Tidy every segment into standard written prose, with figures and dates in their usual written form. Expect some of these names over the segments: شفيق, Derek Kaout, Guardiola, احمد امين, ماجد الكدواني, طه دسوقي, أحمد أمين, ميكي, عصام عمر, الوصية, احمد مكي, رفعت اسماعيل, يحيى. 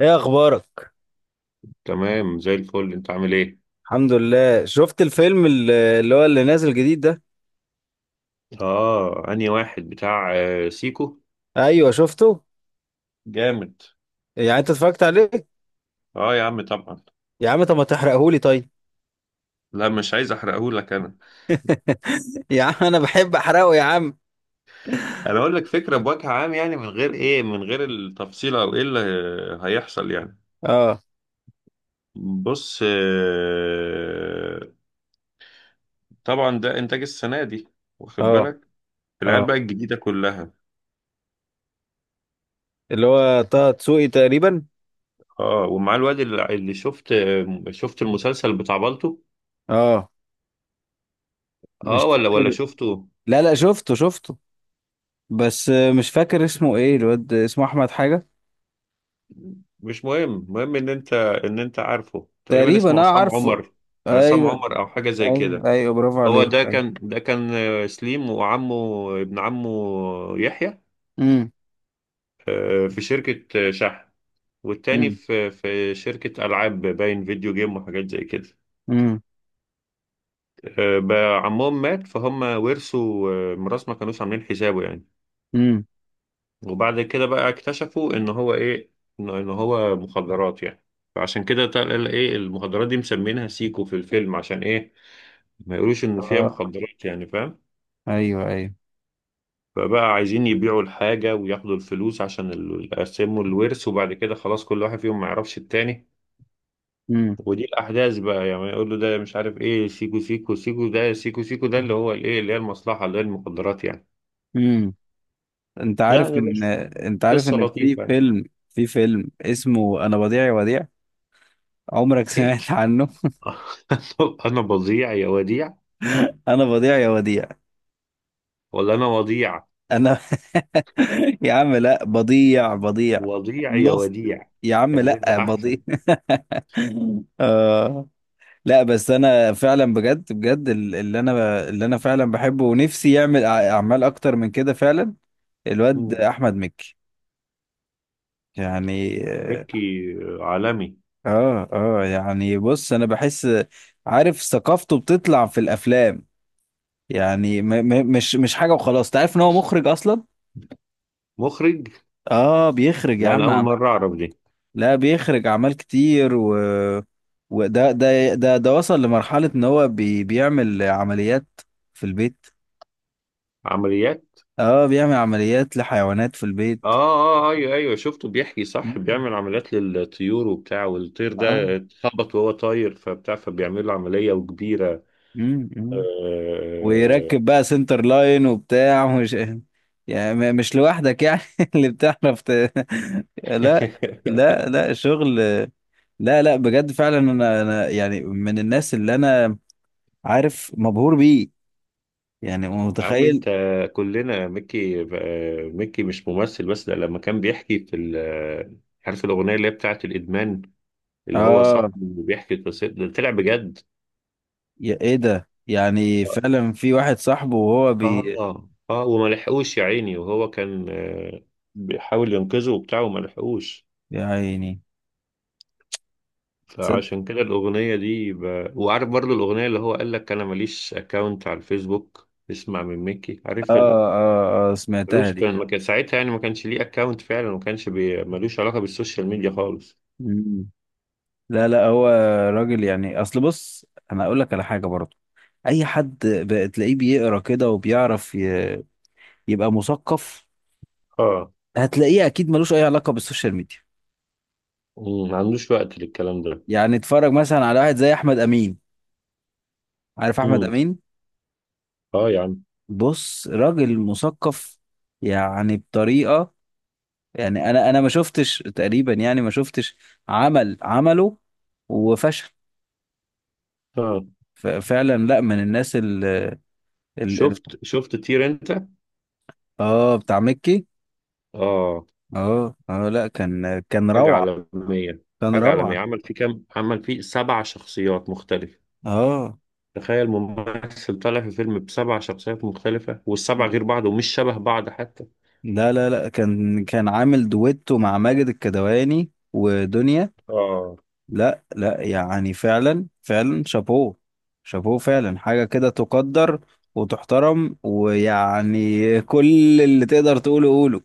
ايه اخبارك؟ تمام زي الفل. انت عامل ايه؟ الحمد لله. شفت الفيلم اللي هو اللي نازل جديد ده. اه، انهي واحد؟ بتاع سيكو. ايوه شفته. جامد. يعني انت اتفرجت عليه؟ اه يا عم طبعا. يا عم طب ما تحرقهولي طيب. لا، مش عايز احرقهولك انا. يا عم انا بحب احرقه يا عم. انا اقول لك فكره بوجه عام، يعني من غير ايه، من غير التفصيل او ايه اللي هيحصل يعني. اه، بص، طبعا ده انتاج السنه دي، واخد اه، بالك؟ العيال اه، بقى الجديده كلها. اللي هو طه دسوقي تقريبا. اه، ومع الواد اللي شفت، شفت المسلسل بتاع بالطو؟ اه اه، مش ولا فاكر. شفته. لا لا، شفته شفته. بس مش فاكر اسمه ايه الواد، اسمه احمد حاجه. مش مهم، المهم ان انت عارفه، تقريبا تقريبا اسمه انا عصام عارفه. عمر. عصام ايوه، عمر او حاجه زي ايوه، كده. ايوه، برافو هو عليك. ده كان سليم، وعمه، ابن عمه، يحيى، امم، في شركه شحن، والتاني امم، في شركه العاب، باين فيديو جيم وحاجات زي كده. امم، بقى عمهم مات، فهم ورثوا ميراث ما كانوش عاملين حسابه يعني. امم. وبعد كده بقى اكتشفوا ان هو ايه، ان هو مخدرات يعني. فعشان كده تقل ايه، المخدرات دي مسمينها سيكو في الفيلم، عشان ايه؟ ما يقولوش ان فيها اه، مخدرات يعني، فاهم؟ ايوه، فبقى عايزين يبيعوا الحاجة وياخدوا الفلوس عشان يقسموا الورث، وبعد كده خلاص كل واحد فيهم ما يعرفش التاني. ايوه. ودي الأحداث بقى يعني. يقول له ده مش عارف ايه، سيكو سيكو سيكو، ده سيكو سيكو، ده اللي هو الايه، اللي هي المصلحة، اللي هي المخدرات يعني. امم. انت عارف يعني ان بس، انت عارف قصة ان في لطيفة يعني. فيلم، في فيلم اسمه انا وديع يا وديع، عمرك ايه؟ سمعت عنه؟ انا بضيع يا وديع، انا وديع يا وديع. ولا انا وضيع؟ انا يا عم لا، بضيع بضيع. وضيع يا لوست. وديع يا عم كانت لا، هتبقى بضيع. احسن. آه. لا بس انا فعلا، بجد بجد، اللي انا فعلا بحبه ونفسي يعمل اعمال اكتر من كده فعلا. الواد مم. احمد مكي يعني. مكي عالمي. اه اه، يعني بص انا بحس، عارف ثقافته بتطلع في الافلام. يعني م م مش حاجه وخلاص، تعرف ان هو مخرج اصلا. مخرج؟ اه بيخرج يا لا، انا عم اول مره اعرف دي. لا بيخرج اعمال كتير، و وده ده ده ده وصل لمرحله ان هو بيعمل عمليات في البيت. عمليات؟ اه بيعمل عمليات لحيوانات في اه البيت. اه، ايوه شفته بيحكي، صح، مم. بيعمل عمليات للطيور وبتاع، والطير اه. ده اتخبط وهو طاير، فبتاع فبيعمل له عمليه وكبيره. امم. آه. ويركب بقى سنتر لاين وبتاع ومش. يعني مش لوحدك يعني، اللي بتعرف لا. لا لا شغل. لا لا بجد، فعلا انا يعني من الناس اللي انا عارف مبهور بيه. يعني يا عم انت، متخيل. كلنا ميكي. ميكي مش ممثل بس، ده لما كان بيحكي في عارف الاغنيه اللي هي بتاعت الادمان، اللي هو اه. صاحبه اللي بيحكي قصته، ده طلع بجد. يا ايه ده، يعني فعلا في واحد صاحبه وهو اه بي. اه اه وما لحقوش يا عيني، وهو كان بيحاول ينقذه وبتاع وما لحقوش. يا عيني. صد... فعشان كده الأغنية دي وعارف برضو الأغنية اللي هو قال لك أنا ماليش أكاونت على الفيسبوك، اسمع من ميكي، عارفها دي؟ اه، اه، اه، سمعتها ملوش، دي. كان ما كان ساعتها يعني، ما كانش ليه أكاونت فعلا، وما كانش ملوش علاقة بالسوشيال ميديا خالص. مم. لا لا، هو راجل يعني. اصل بص، انا اقول لك على حاجه برضه. اي حد بتلاقيه بيقرا كده وبيعرف يبقى مثقف، اه. هتلاقيه اكيد ملوش اي علاقه بالسوشيال ميديا. مم، ما عندوش وقت للكلام ده. يعني اتفرج مثلا على واحد زي احمد امين. عارف احمد مم. امين؟ اه يا عم. بص راجل مثقف، يعني بطريقه. يعني انا ما شفتش تقريبا، يعني ما شفتش عمل عمله وفشل اه. فعلا. لا من الناس ال- شفت طير انت؟ اه بتاع مكي. اه. اه اه لا، كان حاجة روعه. عالمية. كان حاجة عالمية، روعه. عمل فيه كام، عمل فيه سبع شخصيات مختلفة. اه تخيل ممثل طالع في فيلم بسبع شخصيات مختلفة، والسبع غير بعض ومش شبه بعض حتى. لا لا لا، كان عامل دويتو مع ماجد الكدواني ودنيا. اه. لا لا، يعني فعلا فعلا شابوه. شابوه فعلا. حاجة كده تقدر وتحترم، ويعني كل اللي تقدر تقوله قوله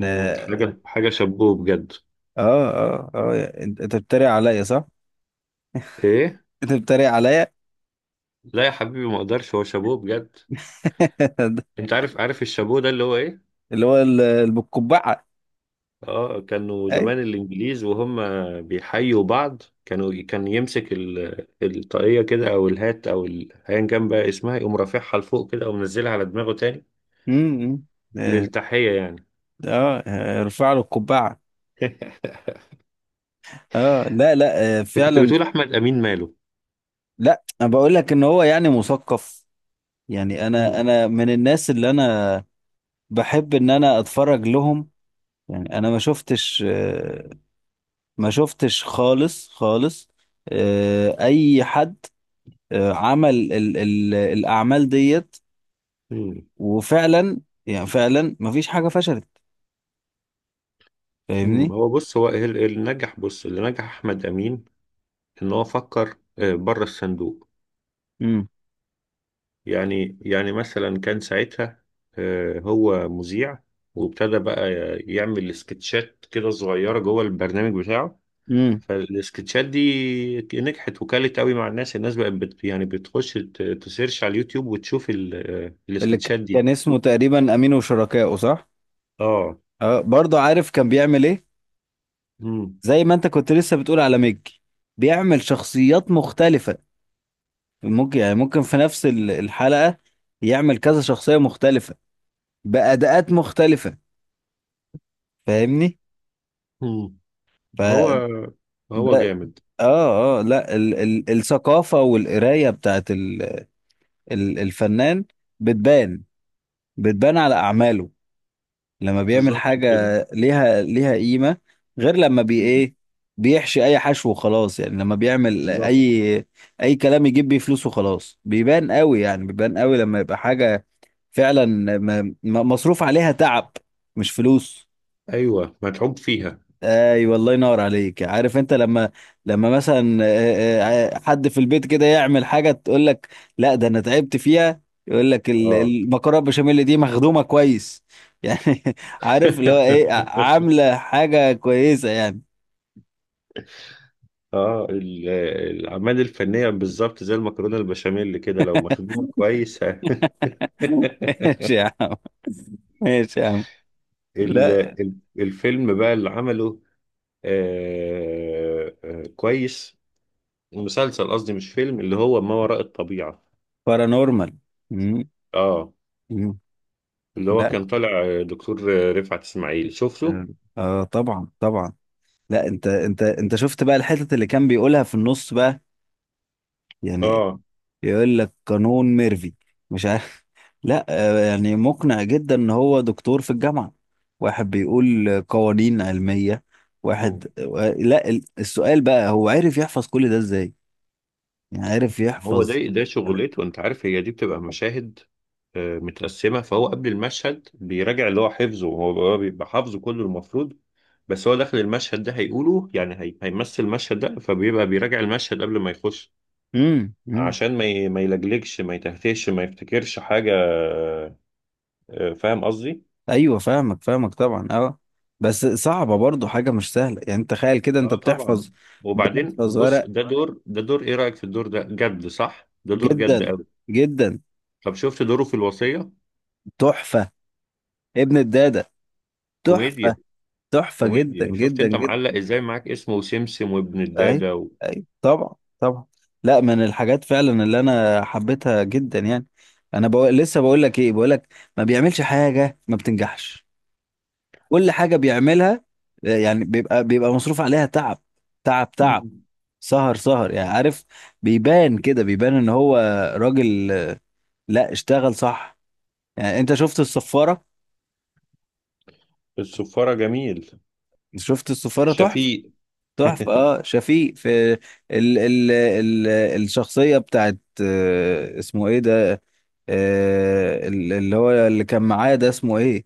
مم، حاجة شابوه بجد. اه، اه، اه، انت بتتريق عليا صح؟ ايه؟ انت بتتريق عليا. لا يا حبيبي ما اقدرش، هو شابوه بجد. انت عارف الشابوه ده اللي هو ايه؟ اللي هو اللي بالقبعة. اه، كانوا اي. زمان الانجليز وهم بيحيوا بعض، كانوا كان يمسك الطاقية كده او الهات او ايا كان بقى اسمها إيه، يقوم رافعها لفوق كده ومنزلها على دماغه تاني، امم. اه، للتحية يعني. ارفع له القبعة. اه لا لا، كنت فعلا. بتقول أحمد أمين ماله؟ لا انا بقول لك ان هو يعني مثقف. يعني انا مم. انا من الناس اللي انا بحب ان انا اتفرج لهم. يعني انا ما شفتش، ما شفتش خالص خالص. اي حد عمل ال ال الاعمال ديت، مم. وفعلا، يعني فعلا ما فيش حاجة فشلت. مم. فاهمني؟ هو بص، هو اللي نجح، بص، اللي نجح أحمد أمين، إن هو فكر بره الصندوق. امم يعني، يعني مثلا كان ساعتها هو مذيع، وابتدى بقى يعمل سكتشات كده صغيرة جوه البرنامج بتاعه. امم. فالسكتشات دي نجحت وكلت قوي مع الناس، الناس بقت يعني بتخش تسيرش على اليوتيوب وتشوف اللي السكتشات دي. كان اسمه تقريبا امين وشركائه صح؟ اه. اه برضه عارف كان بيعمل ايه. زي ما انت كنت لسه بتقول على ميج، بيعمل شخصيات مختلفة. ممكن يعني ممكن في نفس الحلقة يعمل كذا شخصية مختلفة بأداءات مختلفة. فاهمني؟ مم. هو هو فده. جامد. اه اه لا، ال ال الثقافة والقراية بتاعت ال ال الفنان بتبان، بتبان على أعماله. لما بيعمل بالظبط حاجة كده. ليها قيمة، غير لما بي مم. ايه، بيحشي أي حشو وخلاص. يعني لما بيعمل بالظبط. أي كلام يجيب بيه فلوس وخلاص، بيبان قوي. يعني بيبان قوي لما يبقى حاجة، فعلا مصروف عليها تعب، مش فلوس. ايوه متعوب فيها. ايوه، الله ينور عليك. عارف انت لما مثلا حد في البيت كده يعمل حاجه، تقول لك لا ده انا تعبت فيها، يقول لك اه. المكرونه بشاميل دي مخدومه كويس، يعني عارف اللي هو ايه، عامله حاجه كويسه يعني. اه، الاعمال الفنيه بالظبط زي المكرونه البشاميل كده، لو مخدومه كويس. ه- ماشي يا عم، ماشي يا عم. ال- لا. الفيلم بقى اللي عمله، كويس، مسلسل قصدي مش فيلم، اللي هو ما وراء الطبيعه. بارانورمال. مم. اه، مم. اللي هو لا. كان طالع دكتور رفعت اسماعيل، شفته؟ اه، طبعا طبعا. لا انت شفت بقى الحتت اللي كان بيقولها في النص بقى، يعني اه. يقول لك قانون ميرفي مش عارف. لا يعني مقنع جدا ان هو دكتور في الجامعة، واحد بيقول قوانين علمية. واحد لا السؤال بقى هو عرف يحفظ كل ده ازاي، يعني عرف هو ده يحفظ. ده شغلته. انت عارف، هي دي بتبقى مشاهد متقسمه، فهو قبل المشهد بيراجع اللي هو حفظه. هو بيبقى حافظه كله المفروض، بس هو داخل المشهد ده هيقوله يعني، هي هيمثل المشهد ده، فبيبقى بيراجع المشهد قبل ما يخش، امم، امم. عشان ما يلجلجش، ما يتهتهش، ما يفتكرش حاجه فاهم قصدي؟ ايوه فاهمك فاهمك طبعا، اه. بس صعبة برضو، حاجة مش سهلة يعني. انت تخيل كده انت اه طبعا. بتحفظ وبعدين بتحفظ وبص، ورق. ده دور، ده دور ايه رايك في الدور ده؟ جد صح؟ ده دور جد جدا قوي. جدا. طب شفت دوره في الوصيه؟ تحفة. ابن الدادة. تحفة. كوميديا. تحفة جدا كوميديا، شفت جدا انت جدا. معلق ازاي معاك، اسمه سمسم وابن اي، الدادة و... اي، طبعا. طبعا. لا من الحاجات فعلا اللي انا حبيتها جدا يعني. انا بقول لسه، بقول لك ايه، بقول لك ما بيعملش حاجة ما بتنجحش. كل حاجة بيعملها، يعني بيبقى مصروف عليها تعب. تعب تعب، مم. سهر سهر. يعني عارف بيبان كده، بيبان ان هو راجل، لا اشتغل صح. يعني انت شفت الصفارة؟ الصفارة جميل. شفت الصفارة تحفة. شفيق. تحفة. اه شفيق في ال ال ال الشخصية بتاعت اسمه ايه ده، اللي هو اللي كان معاه ده اسمه ايه،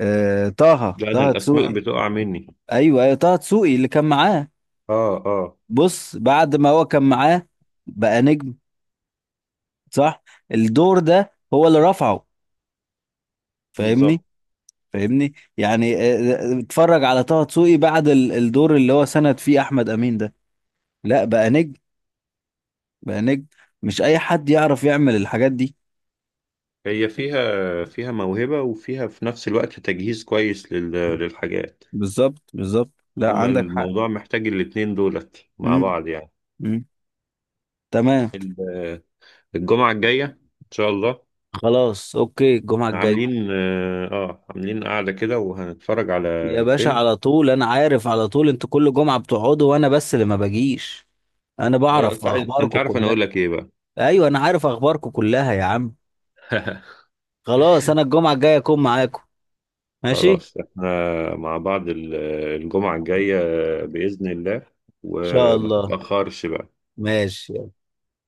طه لا، انا طه الاسماء دسوقي. بتقع مني. ايوه ايوه، طه دسوقي اللي كان معاه. اه اه. بص بعد ما هو كان معاه بقى نجم، صح. الدور ده هو اللي رفعه. فاهمني. بالظبط. فاهمني يعني. اتفرج على طه دسوقي بعد الدور اللي هو سند فيه احمد امين ده، لا بقى نجم. بقى نجم. مش اي حد يعرف يعمل الحاجات دي. هي فيها، فيها موهبة، وفيها في نفس الوقت تجهيز كويس لل... للحاجات. بالظبط، بالظبط. لا هما عندك حق. الموضوع محتاج الاتنين دولت مع امم، بعض يعني. امم. تمام. ال- الجمعة الجاية ان شاء الله، خلاص اوكي، الجمعة الجاية. عاملين اه، عاملين قعدة كده وهنتفرج على يا باشا فيلم. على طول انا عارف، على طول انتوا كل جمعة بتقعدوا وانا بس اللي ما بجيش. انا بعرف انت عايز- أنت اخباركم عارف انا كلها. اقول لك ايه بقى؟ ايوه انا عارف اخباركم كلها يا عم. خلاص انا الجمعة الجاية اكون معاكم. ماشي ان خلاص، احنا مع بعض الجمعة الجاية بإذن الله. شاء وما الله. تتأخرش بقى. ماشي.